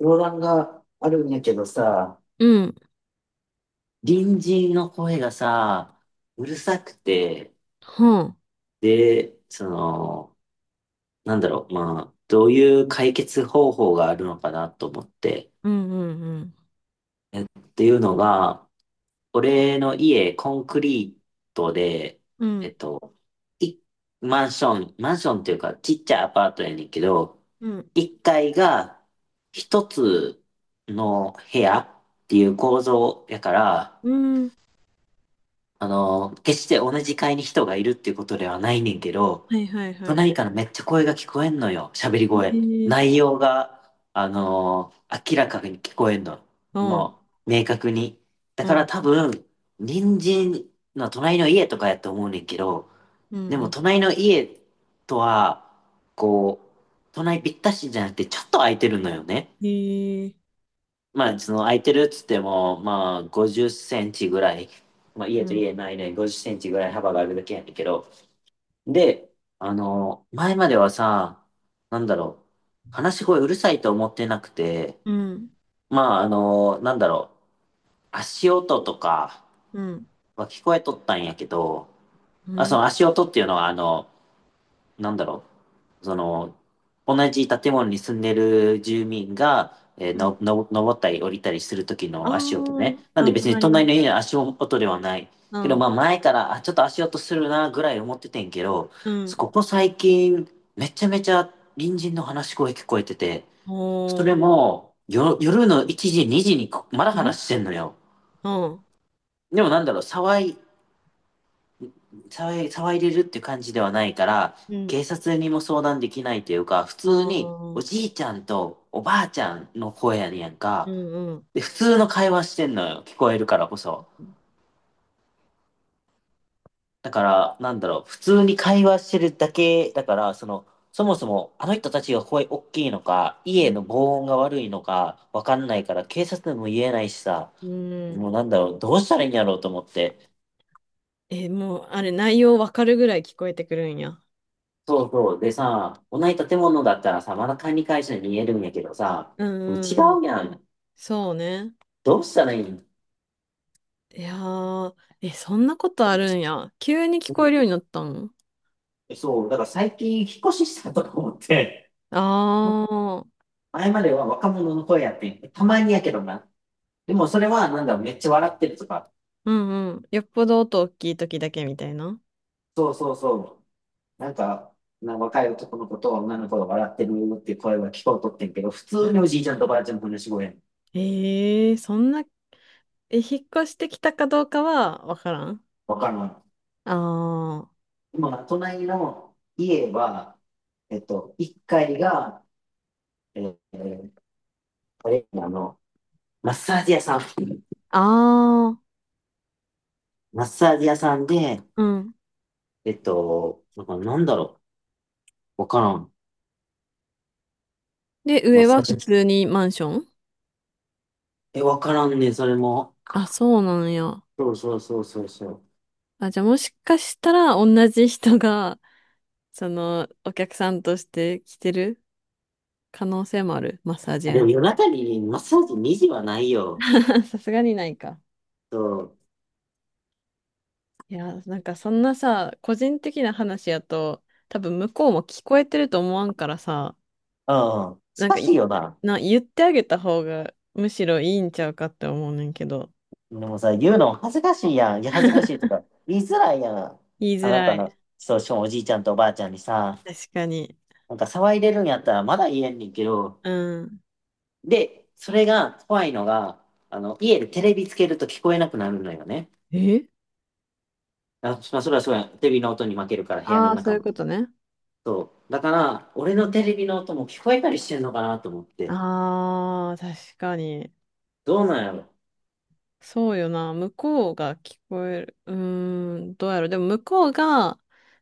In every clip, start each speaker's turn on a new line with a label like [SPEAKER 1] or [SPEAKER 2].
[SPEAKER 1] 相談があるんやけどさ、
[SPEAKER 2] うん。
[SPEAKER 1] 隣人の声がさ、うるさくて、
[SPEAKER 2] は、
[SPEAKER 1] で、その、なんだろう、まあ、どういう解決方法があるのかなと思って。
[SPEAKER 2] うんうん
[SPEAKER 1] っていうのが、俺の家、コンクリートで、
[SPEAKER 2] うん。う
[SPEAKER 1] え
[SPEAKER 2] ん。
[SPEAKER 1] っと、い、マンションっていうか、ちっちゃいアパートやねんけど、
[SPEAKER 2] うん。
[SPEAKER 1] 1階が一つの部屋っていう構造やから、
[SPEAKER 2] うん。
[SPEAKER 1] あの、決して同じ階に人がいるっていうことではないねんけど、
[SPEAKER 2] はいはいはい。
[SPEAKER 1] 隣からめっちゃ声が聞こえんのよ。喋り声。
[SPEAKER 2] ええ、
[SPEAKER 1] 内容が、明らかに聞こえんの。
[SPEAKER 2] うん。
[SPEAKER 1] もう、明確に。だ
[SPEAKER 2] う
[SPEAKER 1] から
[SPEAKER 2] ん。
[SPEAKER 1] 多分、隣人の隣の家とかやと思うねんけど、
[SPEAKER 2] うん。
[SPEAKER 1] で
[SPEAKER 2] う
[SPEAKER 1] も
[SPEAKER 2] ん、
[SPEAKER 1] 隣の家とは、こう、隣ぴったしじゃなくてちょっと空いてるのよね。
[SPEAKER 2] ええ、
[SPEAKER 1] まあ、その空いてるっつっても、まあ、50センチぐらい、まあ、
[SPEAKER 2] う
[SPEAKER 1] 家と家
[SPEAKER 2] ん。
[SPEAKER 1] の間に50センチぐらい幅があるだけやねんけど、で、あの、前まではさ、なんだろう、話し声うるさいと思ってなくて、
[SPEAKER 2] うん。
[SPEAKER 1] まあ、あの、なんだろう、足音とか
[SPEAKER 2] うん。
[SPEAKER 1] は聞こえとったんやけど、
[SPEAKER 2] う
[SPEAKER 1] あ、そ
[SPEAKER 2] ん。
[SPEAKER 1] の足音っていうのは、なんだろう、その、同じ建物に住んでる住民が、えー
[SPEAKER 2] うん。
[SPEAKER 1] の、の、登ったり降りたりする時
[SPEAKER 2] あ
[SPEAKER 1] の足音ね。なん
[SPEAKER 2] あ。あ、
[SPEAKER 1] で別に
[SPEAKER 2] 隣の。
[SPEAKER 1] 隣の家の足音ではない。
[SPEAKER 2] う
[SPEAKER 1] けど、
[SPEAKER 2] ん。
[SPEAKER 1] まあ前から、あ、ちょっと足音するなぐらい思っててんけど、
[SPEAKER 2] うん。
[SPEAKER 1] ここ最近、めちゃめちゃ隣人の話し声聞こえてて、そ
[SPEAKER 2] お
[SPEAKER 1] れ
[SPEAKER 2] ー。
[SPEAKER 1] も、夜の1時、2時にこまだ
[SPEAKER 2] え、
[SPEAKER 1] 話してんのよ。
[SPEAKER 2] うん。
[SPEAKER 1] でもなんだろう、騒いでるって感じではないから、
[SPEAKER 2] うん。
[SPEAKER 1] 警察にも相談できないというか、普通
[SPEAKER 2] あ
[SPEAKER 1] にお
[SPEAKER 2] あ。
[SPEAKER 1] じいちゃんとおばあちゃんの声やねんやん
[SPEAKER 2] う
[SPEAKER 1] か。
[SPEAKER 2] んうん。
[SPEAKER 1] で、普通の会話してんのよ。聞こえるからこそ。だから、なんだろう、普通に会話してるだけだから、その、そもそもあの人たちが声大きいのか、
[SPEAKER 2] う
[SPEAKER 1] 家
[SPEAKER 2] ん。
[SPEAKER 1] の防音が悪いのか、わかんないから、警察でも言えないしさ、
[SPEAKER 2] うん。
[SPEAKER 1] もうなんだろう、どうしたらいいんやろうと思って。
[SPEAKER 2] え、もう、あれ、内容わかるぐらい聞こえてくるんや。
[SPEAKER 1] そうそう。でさ、同じ建物だったらさ、まだ管理会社に見えるんやけどさ、
[SPEAKER 2] うん
[SPEAKER 1] 違
[SPEAKER 2] うんうん。
[SPEAKER 1] うやん。
[SPEAKER 2] そうね。
[SPEAKER 1] どうしたらいいの。
[SPEAKER 2] いやー、え、そんなことあるんや。急に聞こえるようになったの？
[SPEAKER 1] そう、だから最近引っ越ししたとか思って、
[SPEAKER 2] ああー、
[SPEAKER 1] 前までは若者の声やってんたまにやけどな。でもそれはなんだめっちゃ笑ってるとか。
[SPEAKER 2] うんうん。よっぽど音大きい時だけみたいな。
[SPEAKER 1] そうそうそう。なんか、若い男の子と女の子が笑ってるっていう声は聞こえとってんけど、普
[SPEAKER 2] う
[SPEAKER 1] 通にお
[SPEAKER 2] ん。
[SPEAKER 1] じいちゃんとおばあちゃんの話し声やん。
[SPEAKER 2] えー、そんな、え、引っ越してきたかどうかはわからん。
[SPEAKER 1] わからん。
[SPEAKER 2] あー、
[SPEAKER 1] 今、隣の家は、えっと、1階がえーこれ、あの、マッサージ屋さん。
[SPEAKER 2] あー、
[SPEAKER 1] マッサージ屋さんで、
[SPEAKER 2] うん。
[SPEAKER 1] えっと、なんかなんだろわからん。
[SPEAKER 2] で、
[SPEAKER 1] マッ
[SPEAKER 2] 上
[SPEAKER 1] サ
[SPEAKER 2] は
[SPEAKER 1] ー
[SPEAKER 2] 普
[SPEAKER 1] ジ。
[SPEAKER 2] 通にマンション。
[SPEAKER 1] え、わからんね、それも。
[SPEAKER 2] あ、そうなんや。
[SPEAKER 1] そうそうそうそうそう。
[SPEAKER 2] あ、じゃあもしかしたら同じ人が、その、お客さんとして来てる可能性もある。マッサージ
[SPEAKER 1] あ、で
[SPEAKER 2] 屋
[SPEAKER 1] も
[SPEAKER 2] に。
[SPEAKER 1] 夜中にマッサージ2時はないよ。
[SPEAKER 2] さすがにないか。
[SPEAKER 1] そう。
[SPEAKER 2] いや、なんかそんなさ、個人的な話やと、多分向こうも聞こえてると思わんからさ、
[SPEAKER 1] うん。し
[SPEAKER 2] なん
[SPEAKER 1] か
[SPEAKER 2] か
[SPEAKER 1] し
[SPEAKER 2] い、
[SPEAKER 1] いよな。
[SPEAKER 2] な、言ってあげた方がむしろいいんちゃうかって思うねんけど。
[SPEAKER 1] でもさ、言うの恥ずかしいやん。いや、恥ずかしいとか、言いづらいやん。
[SPEAKER 2] 言い
[SPEAKER 1] あ
[SPEAKER 2] づ
[SPEAKER 1] な
[SPEAKER 2] ら
[SPEAKER 1] た
[SPEAKER 2] い。
[SPEAKER 1] の、そう、しかもおじいちゃんとおばあちゃんにさ、
[SPEAKER 2] 確かに。
[SPEAKER 1] なんか騒いでるんやったらまだ言えんねんけど、
[SPEAKER 2] うん。
[SPEAKER 1] で、それが怖いのが、あの、家でテレビつけると聞こえなくなるのよね。
[SPEAKER 2] え。
[SPEAKER 1] あ、まあ、それはそうや。テレビの音に負けるから、部屋
[SPEAKER 2] あ
[SPEAKER 1] の
[SPEAKER 2] あー、そ
[SPEAKER 1] 中
[SPEAKER 2] ういう
[SPEAKER 1] も。
[SPEAKER 2] ことね。
[SPEAKER 1] そう。だから、俺のテレビの音も聞こえたりしてんのかなと思って。
[SPEAKER 2] ああ、確かに。
[SPEAKER 1] どうなんやろ。
[SPEAKER 2] そうよな。向こうが聞こえる。うーん、どうやろう。でも向こうが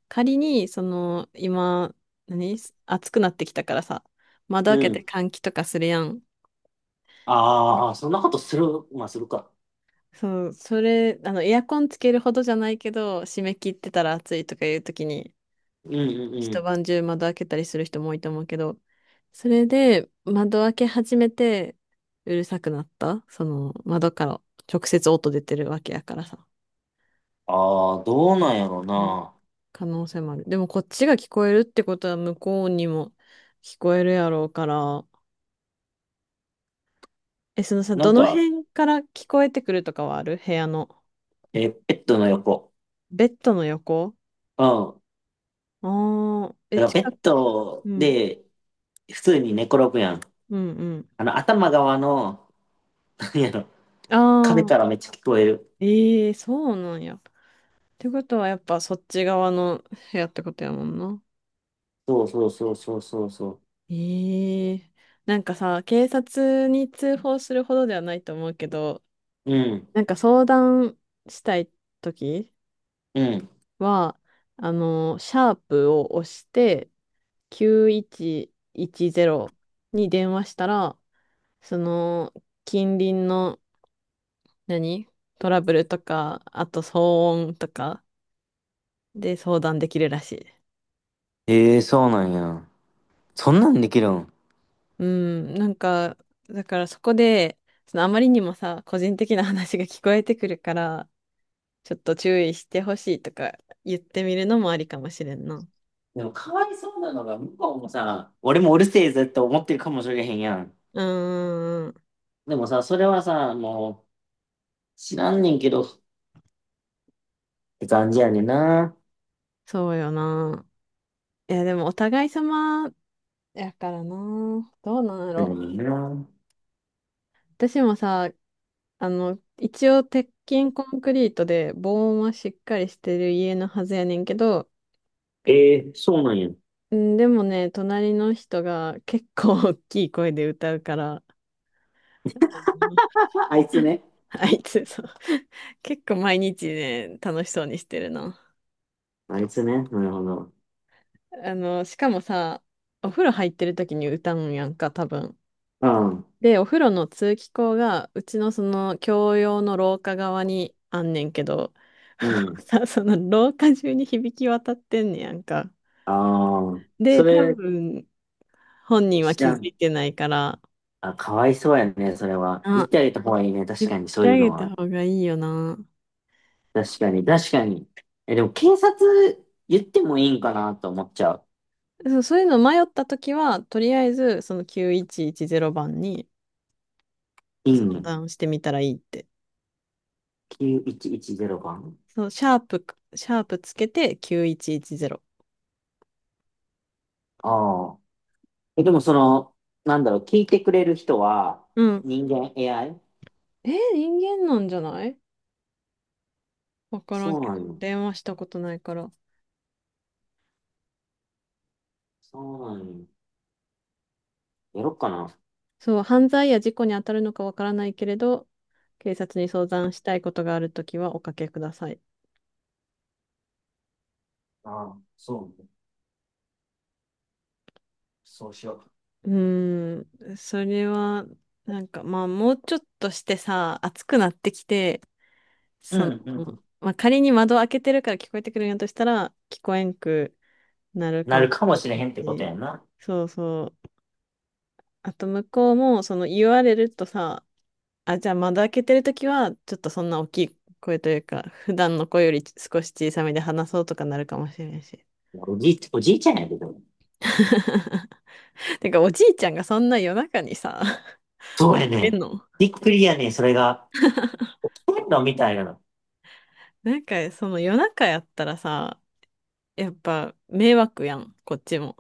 [SPEAKER 2] 仮に、その、今、何暑くなってきたからさ、窓
[SPEAKER 1] う
[SPEAKER 2] 開けて
[SPEAKER 1] ん。
[SPEAKER 2] 換気とかするやん。
[SPEAKER 1] ああ、そんなことする、まあ、するか。
[SPEAKER 2] そう、それ、あの、エアコンつけるほどじゃないけど、締め切ってたら暑いとかいう時に、
[SPEAKER 1] うんうんう
[SPEAKER 2] 一
[SPEAKER 1] ん。
[SPEAKER 2] 晩中窓開けたりする人も多いと思うけど、それで窓開け始めて、うるさくなった、その窓から直接音出てるわけやからさ。
[SPEAKER 1] ああ、どうなんやろう
[SPEAKER 2] うん。
[SPEAKER 1] な。
[SPEAKER 2] 可能性もある。でもこっちが聞こえるってことは向こうにも聞こえるやろうから。え、そのさ、
[SPEAKER 1] な
[SPEAKER 2] ど
[SPEAKER 1] ん
[SPEAKER 2] の
[SPEAKER 1] か、
[SPEAKER 2] 辺から聞こえてくるとかはある部屋の。
[SPEAKER 1] ベッドの横。
[SPEAKER 2] ベッドの横。
[SPEAKER 1] うん。
[SPEAKER 2] ああー、え、
[SPEAKER 1] だからベ
[SPEAKER 2] 近
[SPEAKER 1] ッ
[SPEAKER 2] く。
[SPEAKER 1] ド
[SPEAKER 2] うん。
[SPEAKER 1] で、普通に寝転ぶやん。
[SPEAKER 2] うんうん。
[SPEAKER 1] あの、頭側の、なんやろ、
[SPEAKER 2] あ
[SPEAKER 1] 壁か
[SPEAKER 2] あ、
[SPEAKER 1] らめっちゃ聞こえる。
[SPEAKER 2] ええ、そうなんや。ってことはやっぱそっち側の部屋ってことやもんな。
[SPEAKER 1] そうそうそうそうそうそ
[SPEAKER 2] ええ。なんかさ、警察に通報するほどではないと思うけど、
[SPEAKER 1] う。うん。
[SPEAKER 2] なんか相談したいとき
[SPEAKER 1] うん。
[SPEAKER 2] は、あの、シャープを押して9110に電話したら、その、近隣の、何トラブルとか、あと騒音とかで相談できるらしい。
[SPEAKER 1] ええ、そうなんや。そんなんできるん。
[SPEAKER 2] うん、なんか、だからそこで、そのあまりにもさ、個人的な話が聞こえてくるから、ちょっと注意してほしいとか言ってみるのもありかもしれんな。
[SPEAKER 1] でも、かわいそうなのが、向こうもさ、俺もうるせえぜって思ってるかもしれへんやん。
[SPEAKER 2] うんんん、
[SPEAKER 1] でもさ、それはさ、もう、知らんねんけど、って感じやねんな。
[SPEAKER 2] そうよな。いや、でもお互い様やからな。どうなんや
[SPEAKER 1] う
[SPEAKER 2] ろ。
[SPEAKER 1] ん、な。
[SPEAKER 2] 私もさ、あの、一応鉄筋コンクリートで防音はしっかりしてる家のはずやねんけど、
[SPEAKER 1] ええそうなんや。
[SPEAKER 2] うん、でもね、隣の人が結構 大きい声で歌うから、
[SPEAKER 1] ああいつ ね。
[SPEAKER 2] あいつ、そう。結構毎日ね、楽しそうにしてるな。
[SPEAKER 1] あいつね。なるほど。
[SPEAKER 2] あの、しかもさ、お風呂入ってる時に歌うんやんか、多分。
[SPEAKER 1] うん。
[SPEAKER 2] で、お風呂の通気口が、うちのその、共用の廊下側にあんねんけど、
[SPEAKER 1] うん。
[SPEAKER 2] さ、その廊下中に響き渡ってんねやんか。
[SPEAKER 1] ああ、そ
[SPEAKER 2] で、多
[SPEAKER 1] れ、
[SPEAKER 2] 分、本人は
[SPEAKER 1] 知
[SPEAKER 2] 気
[SPEAKER 1] ら
[SPEAKER 2] づ
[SPEAKER 1] ん。
[SPEAKER 2] いてないから、
[SPEAKER 1] あ、かわいそうやね、それは。言
[SPEAKER 2] あ、
[SPEAKER 1] ってあげた方がいいね、確
[SPEAKER 2] 言っ
[SPEAKER 1] かに、そ
[SPEAKER 2] て
[SPEAKER 1] うい
[SPEAKER 2] あ
[SPEAKER 1] うの
[SPEAKER 2] げた
[SPEAKER 1] は。
[SPEAKER 2] 方がいいよな。
[SPEAKER 1] 確かに、確かに。え、でも警察言ってもいいんかなと思っちゃう。
[SPEAKER 2] そう、そういうの迷った時は、とりあえず、その9110番に、
[SPEAKER 1] いい
[SPEAKER 2] 相
[SPEAKER 1] ん？
[SPEAKER 2] 談してみたらいいって。
[SPEAKER 1] 9110 番。
[SPEAKER 2] そう、シャープつけて9110。
[SPEAKER 1] ああ。え、でもその、なんだろう、聞いてくれる人は
[SPEAKER 2] うん。
[SPEAKER 1] 人間？ AI？
[SPEAKER 2] 人間なんじゃない、わからん
[SPEAKER 1] そう
[SPEAKER 2] けど。
[SPEAKER 1] なんよ。
[SPEAKER 2] 電話したことないから。
[SPEAKER 1] そうなんよ。やろっかな。
[SPEAKER 2] そう、犯罪や事故に当たるのかわからないけれど、警察に相談したいことがあるときはおかけください。
[SPEAKER 1] ああ、そうね。そうしよ
[SPEAKER 2] うーん、それは、なんかまあ、もうちょっとしてさ、暑くなってきて、
[SPEAKER 1] う。う
[SPEAKER 2] そ
[SPEAKER 1] んう
[SPEAKER 2] の、
[SPEAKER 1] ん。
[SPEAKER 2] まあ、仮に窓開けてるから聞こえてくるんやとしたら、聞こえんくなる
[SPEAKER 1] な
[SPEAKER 2] かも
[SPEAKER 1] る
[SPEAKER 2] し
[SPEAKER 1] かも
[SPEAKER 2] れ
[SPEAKER 1] しれ
[SPEAKER 2] な
[SPEAKER 1] へんってこと
[SPEAKER 2] い
[SPEAKER 1] や
[SPEAKER 2] し。
[SPEAKER 1] んな。
[SPEAKER 2] そうそう。あと向こうも、その言われるとさ、あ、じゃあ窓開けてるときは、ちょっとそんな大きい声というか、普段の声より少し小さめで話そうとかなるかもしれないし。
[SPEAKER 1] おじいちゃんやけど。
[SPEAKER 2] てか、おじいちゃんがそんな夜中にさ、
[SPEAKER 1] そ
[SPEAKER 2] 起
[SPEAKER 1] うや
[SPEAKER 2] きて
[SPEAKER 1] ね。
[SPEAKER 2] んの。
[SPEAKER 1] びっくりやね。それが。起きてんのみたいなの。
[SPEAKER 2] なんか、その夜中やったらさ、やっぱ迷惑やん、こっちも。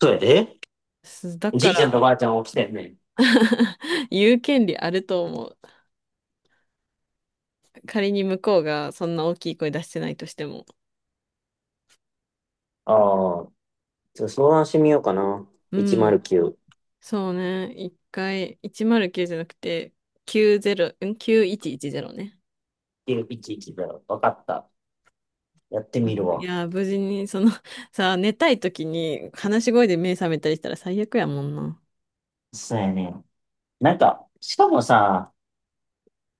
[SPEAKER 1] そうやで。
[SPEAKER 2] だ
[SPEAKER 1] じ
[SPEAKER 2] か
[SPEAKER 1] いちゃんとば
[SPEAKER 2] ら
[SPEAKER 1] あちゃん起きてんね。
[SPEAKER 2] 言う権利あると思う。仮に向こうがそんな大きい声出してないとしても。
[SPEAKER 1] ああ。ちょっと相談してみようかな。
[SPEAKER 2] うん、
[SPEAKER 1] 109。
[SPEAKER 2] そうね。一回、109じゃなくて、90、ん ?9110 ね。
[SPEAKER 1] 110だよ。わかった。やってみる
[SPEAKER 2] うん、い
[SPEAKER 1] わ。
[SPEAKER 2] やー、無事に、その、さあ、寝たい時に、話し声で目覚めたりしたら最悪やもんな。
[SPEAKER 1] そうやね。なんか、しかもさ、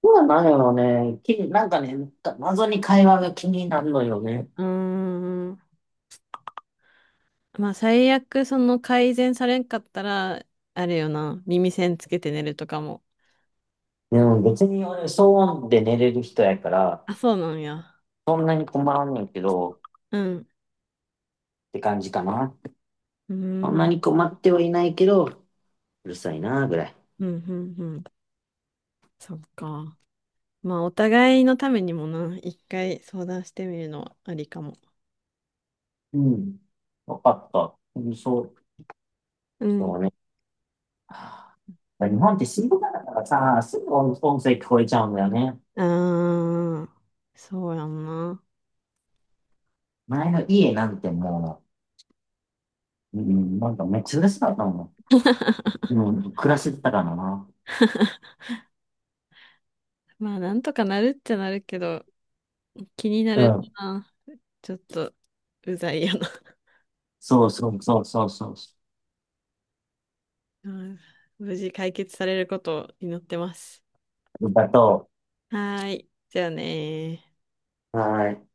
[SPEAKER 1] そうなのよね。なんかね、謎に会話が気になるのよね。
[SPEAKER 2] うーん、まあ、最悪、その、改善されんかったら、あれよな、耳栓つけて寝るとかも。
[SPEAKER 1] でも別に俺、騒音で寝れる人やから、
[SPEAKER 2] あ、そうなんや。
[SPEAKER 1] そんなに困らんねんけど、
[SPEAKER 2] うん。
[SPEAKER 1] って感じかな。
[SPEAKER 2] うー
[SPEAKER 1] そ
[SPEAKER 2] ん、
[SPEAKER 1] ん
[SPEAKER 2] う
[SPEAKER 1] な
[SPEAKER 2] ん、
[SPEAKER 1] に困ってはいないけど、うるさいな、ぐらい。
[SPEAKER 2] うん、うん。そっか。まあ、お互いのためにもな、一回相談してみるのはありかも。
[SPEAKER 1] うん。わかった。うんそう、
[SPEAKER 2] う
[SPEAKER 1] そう
[SPEAKER 2] ん。
[SPEAKER 1] ね。はあ日本って静かだからさ、すぐ音声聞こえちゃうんだよね。
[SPEAKER 2] うーん。そうやんな。
[SPEAKER 1] 前の家なんてもう、うん、なんかめっちゃ嬉しかったもん。うん、暮らしてたからな。
[SPEAKER 2] まあ、なんとかなるっちゃなるけど、気にな
[SPEAKER 1] う
[SPEAKER 2] る
[SPEAKER 1] ん。
[SPEAKER 2] な。ちょっと、うざいよな。
[SPEAKER 1] そうそうそうそうそう。
[SPEAKER 2] うん、無事解決されることを祈ってます。
[SPEAKER 1] だと、
[SPEAKER 2] はーい。じゃあねー。
[SPEAKER 1] はーい。